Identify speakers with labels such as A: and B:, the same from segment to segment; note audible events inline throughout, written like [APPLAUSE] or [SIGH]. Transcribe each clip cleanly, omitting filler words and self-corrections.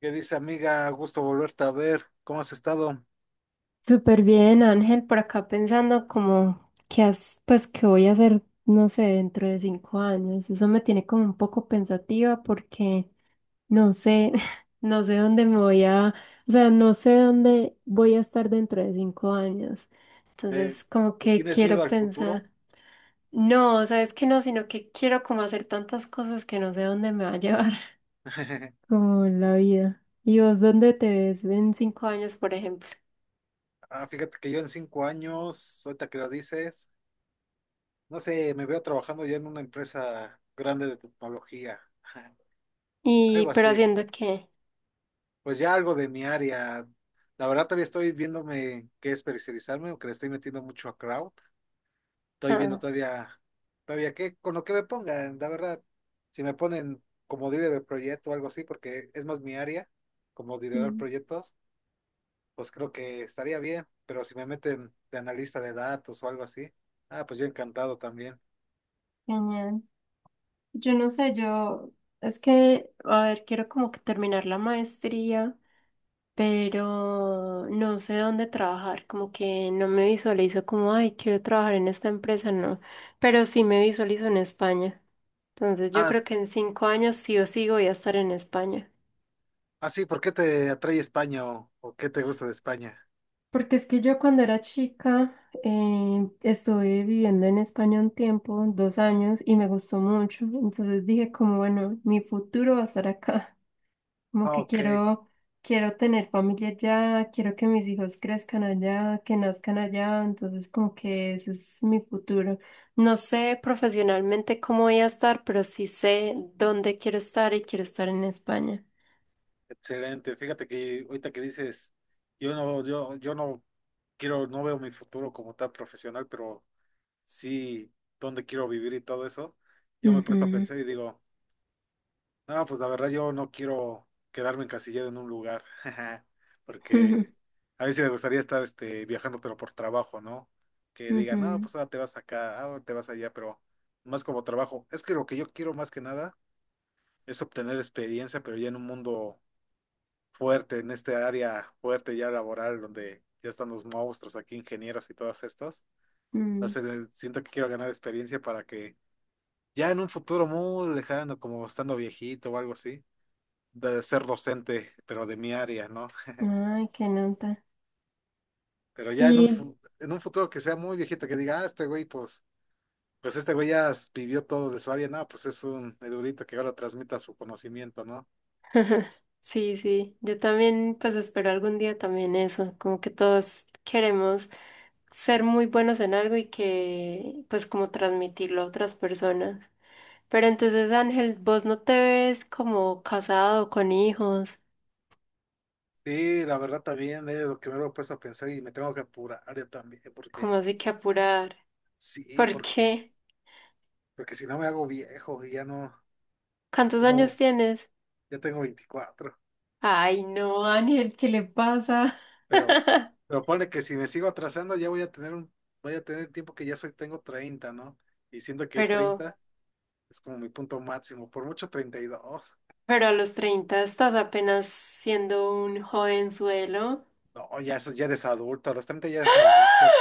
A: ¿Qué dice, amiga? Gusto volverte a ver. ¿Cómo has estado?
B: Súper bien, Ángel, por acá pensando como pues qué voy a hacer, no sé, dentro de 5 años. Eso me tiene como un poco pensativa porque no sé, [LAUGHS] no sé dónde me voy a, o sea, no sé dónde voy a estar dentro de 5 años.
A: ¿Le-
B: Entonces, como
A: Le
B: que
A: tienes miedo
B: quiero
A: al futuro?
B: pensar, no, sabes que no, sino que quiero como hacer tantas cosas que no sé dónde me va a llevar, [LAUGHS]
A: [LAUGHS]
B: como la vida. ¿Y vos dónde te ves en 5 años, por ejemplo?
A: Ah, fíjate que yo en 5 años, ahorita que lo dices, no sé, me veo trabajando ya en una empresa grande de tecnología, [LAUGHS] algo
B: ¿Pero
A: así.
B: haciendo qué?
A: Pues ya algo de mi área. La verdad todavía estoy viéndome qué especializarme, aunque le estoy metiendo mucho a crowd. Estoy viendo
B: Ah.
A: todavía, todavía qué, con lo que me pongan, la verdad. Si me ponen como líder del proyecto o algo así, porque es más mi área, como liderar
B: Mm.
A: proyectos, pues creo que estaría bien. Pero si me meten de analista de datos o algo así, ah, pues yo encantado también.
B: Genial. Yo no sé, yo es que, a ver, quiero como que terminar la maestría, pero no sé dónde trabajar, como que no me visualizo como, ay, quiero trabajar en esta empresa, no, pero sí me visualizo en España. Entonces yo
A: Ah,
B: creo que en 5 años sí o sí voy a estar en España.
A: ah, sí, ¿por qué te atrae España o qué te gusta de España?
B: Porque es que yo cuando era chica estuve viviendo en España un tiempo, 2 años, y me gustó mucho. Entonces dije como, bueno, mi futuro va a estar acá. Como
A: Ah,
B: que
A: ok,
B: quiero tener familia allá, quiero que mis hijos crezcan allá, que nazcan allá, entonces como que ese es mi futuro. No sé profesionalmente cómo voy a estar, pero sí sé dónde quiero estar y quiero estar en España.
A: excelente. Fíjate que ahorita que dices, yo no quiero, no veo mi futuro como tan profesional, pero sí, dónde quiero vivir y todo eso, yo me he puesto a
B: Ujú.
A: pensar y digo, no, pues la verdad yo no quiero quedarme encasillado en un lugar, [LAUGHS]
B: [LAUGHS]
A: porque
B: Ujú.
A: a mí sí me gustaría estar viajando, pero por trabajo, ¿no? Que digan, no,
B: Ujú.
A: pues ahora te vas acá, ahora te vas allá, pero más como trabajo. Es que lo que yo quiero más que nada es obtener experiencia, pero ya en un mundo fuerte, en este área fuerte ya laboral, donde ya están los monstruos aquí, ingenieros y todos estos. No
B: Mm.
A: sé, siento que quiero ganar experiencia para que ya en un futuro muy lejano, como estando viejito o algo así, de ser docente, pero de mi área, ¿no?
B: Ay, qué nota.
A: Pero ya
B: Y.
A: en un futuro que sea muy viejito, que diga, ah, este güey, pues este güey ya vivió todo de su área, no, pues es un edurito que ahora transmita su conocimiento, ¿no?
B: [LAUGHS] Ajá. Sí, sí, yo también pues espero algún día también eso, como que todos queremos ser muy buenos en algo y que pues como transmitirlo a otras personas. Pero entonces, Ángel, vos no te ves como casado con hijos,
A: Sí, la verdad también es lo que me lo he puesto a pensar y me tengo que apurar yo también,
B: como
A: porque
B: así que apurar? [LAUGHS]
A: sí,
B: ¿Por
A: porque,
B: qué?
A: porque si no me hago viejo y ya no,
B: ¿Cuántos
A: ya no,
B: años tienes?
A: ya tengo 24.
B: Ay, no, Ángel, ¿qué le pasa?
A: Pero,
B: [LAUGHS]
A: pero ponle que si me sigo atrasando ya voy a tener voy a tener tiempo que tengo 30, ¿no? Y siento que
B: Pero,
A: 30 es como mi punto máximo, por mucho 32.
B: pero a los 30 estás apenas siendo un jovenzuelo.
A: No, ya eso ya eres adulto, a los 30 ya eres adulto.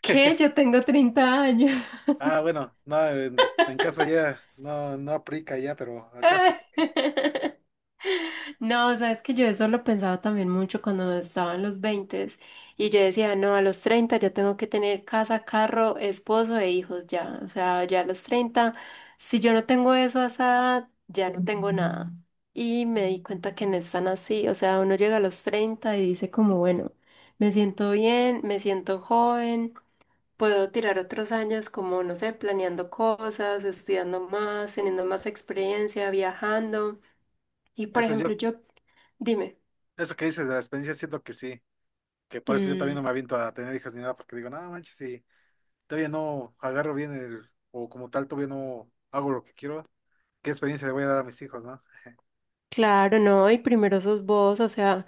B: ¿Qué? Yo tengo 30 años.
A: Ah, bueno, no, en caso ya no, no aplica ya, pero acá sí.
B: [LAUGHS] No, sabes que yo eso lo pensaba también mucho cuando estaba en los 20 y yo decía, no, a los 30 ya tengo que tener casa, carro, esposo e hijos ya. O sea, ya a los 30, si yo no tengo eso a esa edad, ya no tengo nada. Y me di cuenta que no es tan así. O sea, uno llega a los 30 y dice como, bueno, me siento bien, me siento joven. Puedo tirar otros años como, no sé, planeando cosas, estudiando más, teniendo más experiencia, viajando. Y por
A: Eso
B: ejemplo,
A: yo,
B: yo, dime.
A: eso que dices de la experiencia siento que sí, que por eso yo también
B: Mm,
A: no me aviento a tener hijos ni nada, porque digo, no manches, si todavía no agarro bien el, o como tal todavía no hago lo que quiero, ¿qué experiencia le voy a dar a mis hijos, no?
B: claro, no, y primero sos vos, o sea,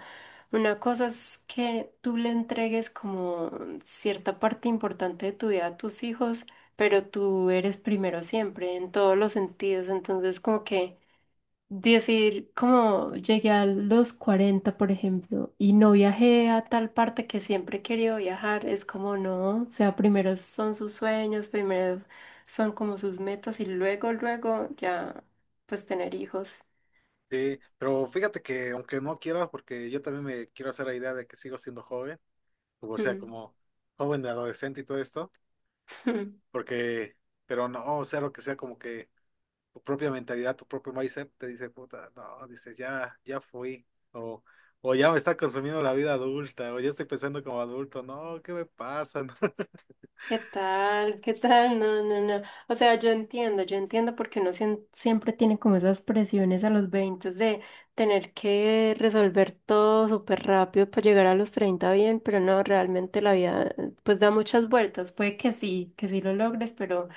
B: una cosa es que tú le entregues como cierta parte importante de tu vida a tus hijos, pero tú eres primero siempre, en todos los sentidos, entonces como que... Decir, como llegué a los 40 por ejemplo, y no viajé a tal parte que siempre he querido viajar, es como no, o sea, primero son sus sueños, primero son como sus metas y luego, luego ya, pues tener hijos.
A: Sí, pero fíjate que aunque no quiera, porque yo también me quiero hacer la idea de que sigo siendo joven, o sea,
B: Mm.
A: como joven de adolescente y todo esto,
B: [LAUGHS]
A: porque, pero no, o sea, lo que sea, como que tu propia mentalidad, tu propio mindset te dice, puta, no, dices, ya fui, o, o ya me está consumiendo la vida adulta, o ya estoy pensando como adulto, no, ¿qué me pasa? [LAUGHS] ¿no?
B: ¿Qué tal? ¿Qué tal? No, no, no. O sea, yo entiendo porque uno siempre tiene como esas presiones a los 20 de tener que resolver todo súper rápido para llegar a los 30 bien, pero no, realmente la vida pues da muchas vueltas. Puede que sí lo logres, pero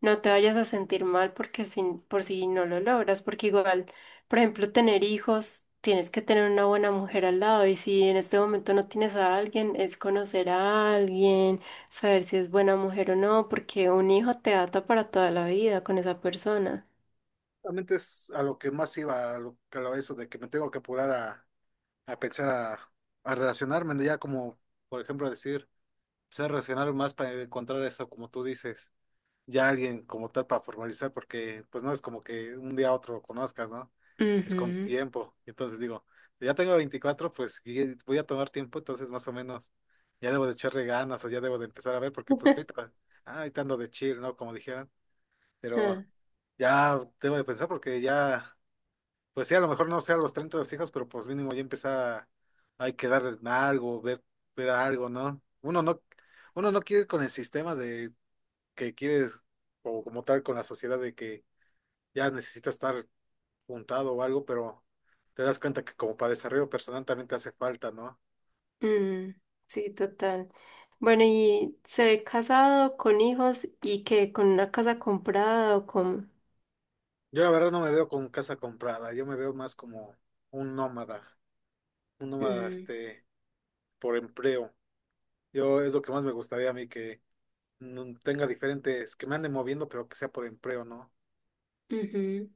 B: no te vayas a sentir mal porque sin, por si no lo logras, porque igual, por ejemplo, tener hijos, tienes que tener una buena mujer al lado y si en este momento no tienes a alguien, es conocer a alguien, saber si es buena mujer o no, porque un hijo te ata para toda la vida con esa persona.
A: Realmente es a lo que más iba, eso de que me tengo que apurar a pensar, a relacionarme, ¿no? Ya como, por ejemplo, decir. Se reaccionaron más para encontrar eso, como tú dices, ya alguien como tal para formalizar, porque pues no es como que un día a otro lo conozcas, ¿no? Es con
B: Ujú.
A: tiempo. Entonces digo, ya tengo 24 pues y voy a tomar tiempo, entonces más o menos ya debo de echarle ganas o ya debo de empezar a ver, porque pues
B: [LAUGHS]
A: ahorita ando de chill, ¿no? Como dijeron, pero
B: Ah,
A: ya debo de pensar porque ya. Pues sí, a lo mejor no sea a los 30 los hijos, pero pues mínimo ya empezar hay que dar algo, ver algo, ¿no? Uno no quiere ir con el sistema de que quieres, o como tal con la sociedad de que ya necesita estar juntado o algo, pero te das cuenta que como para desarrollo personal también te hace falta, ¿no?
B: mm, sí, total. Bueno, ¿y se ve casado con hijos y que con una casa comprada o con...?
A: Yo la verdad no me veo con casa comprada, yo me veo más como un nómada, un nómada,
B: Mm.
A: este, por empleo. Yo es lo que más me gustaría a mí que no tenga diferentes, que me anden moviendo, pero que sea por empleo, ¿no?
B: Ujú.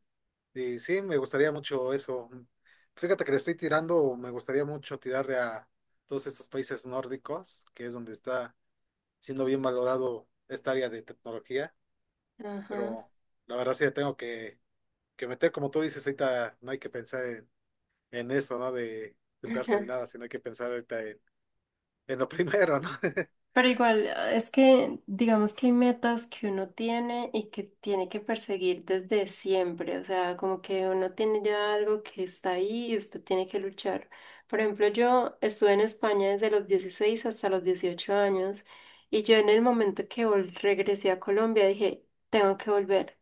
A: Y sí, me gustaría mucho eso. Fíjate que le estoy tirando, me gustaría mucho tirarle a todos estos países nórdicos, que es donde está siendo bien valorado esta área de tecnología,
B: Ajá.
A: pero la verdad sí le tengo que meter, como tú dices, ahorita no hay que pensar en, esto, ¿no? De juntarse ni
B: [LAUGHS]
A: nada, sino hay que pensar ahorita en, lo primero, ¿no? [LAUGHS]
B: Pero igual, ah, es que digamos que hay metas que uno tiene y que tiene que perseguir desde siempre, o sea, como que uno tiene ya algo que está ahí y usted tiene que luchar. Por ejemplo, yo estuve en España desde los 16 hasta los 18 años y yo en el momento que regresé a Colombia dije, tengo que volver.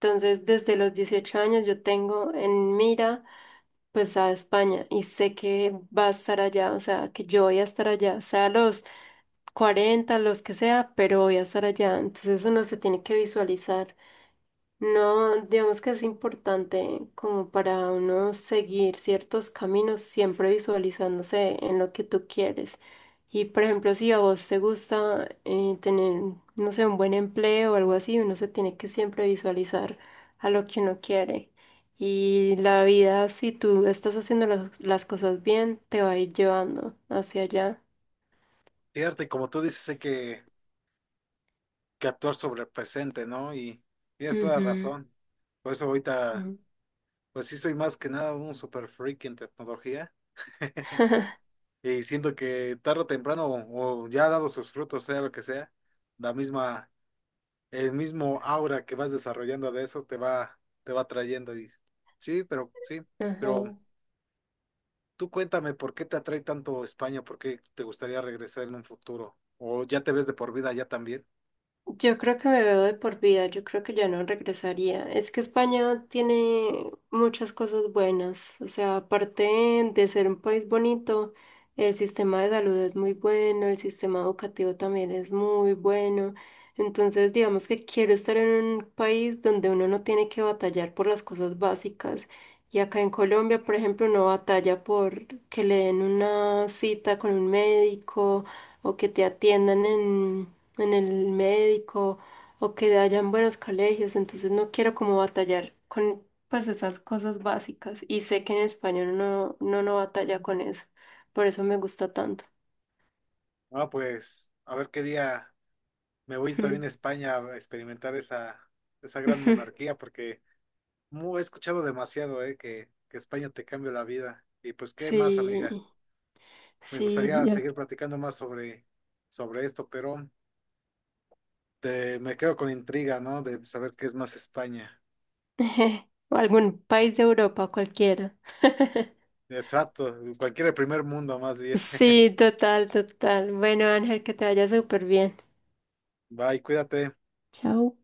B: Entonces, desde los 18 años yo tengo en mira pues a España y sé que va a estar allá, o sea, que yo voy a estar allá, sea los 40 los que sea, pero voy a estar allá. Entonces uno se tiene que visualizar. No, digamos que es importante como para uno seguir ciertos caminos, siempre visualizándose en lo que tú quieres. Y por ejemplo, si a vos te gusta tener, no sé, un buen empleo o algo así, uno se tiene que siempre visualizar a lo que uno quiere. Y la vida, si tú estás haciendo las cosas bien, te va a ir llevando hacia allá.
A: Cierto, y como tú dices, hay que actuar sobre el presente, ¿no? Y tienes toda
B: Ujú.
A: razón. Por eso ahorita,
B: Mm.
A: pues sí soy más que nada un super freak en tecnología. [LAUGHS]
B: [LAUGHS]
A: Y siento que tarde o temprano, o ya ha dado sus frutos, sea lo que sea, la misma, el mismo aura que vas desarrollando de eso te va atrayendo. Y sí, pero
B: Ajá.
A: tú cuéntame por qué te atrae tanto España, por qué te gustaría regresar en un futuro, o ya te ves de por vida ya también.
B: Yo creo que me veo de por vida, yo creo que ya no regresaría. Es que España tiene muchas cosas buenas, o sea, aparte de ser un país bonito, el sistema de salud es muy bueno, el sistema educativo también es muy bueno. Entonces, digamos que quiero estar en un país donde uno no tiene que batallar por las cosas básicas. Y acá en Colombia, por ejemplo, uno batalla por que le den una cita con un médico o que te atiendan en el médico o que hayan buenos colegios, entonces no quiero como batallar con pues esas cosas básicas y sé que en España no, no, no batalla con eso, por eso me gusta tanto.
A: Ah, pues, a ver qué día. Me voy también a España a experimentar esa gran
B: [LAUGHS]
A: monarquía, porque he escuchado demasiado, que España te cambia la vida. Y pues, ¿qué más, amiga?
B: Sí,
A: Me
B: sí,
A: gustaría
B: ya.
A: seguir platicando más sobre esto, pero me quedo con intriga, ¿no? De saber qué es más España.
B: [LAUGHS] O algún país de Europa, cualquiera. [LAUGHS]
A: Exacto, cualquier primer mundo más bien.
B: Sí, total, total. Bueno, Ángel, que te vaya súper bien.
A: [LAUGHS] Bye, cuídate.
B: Chao.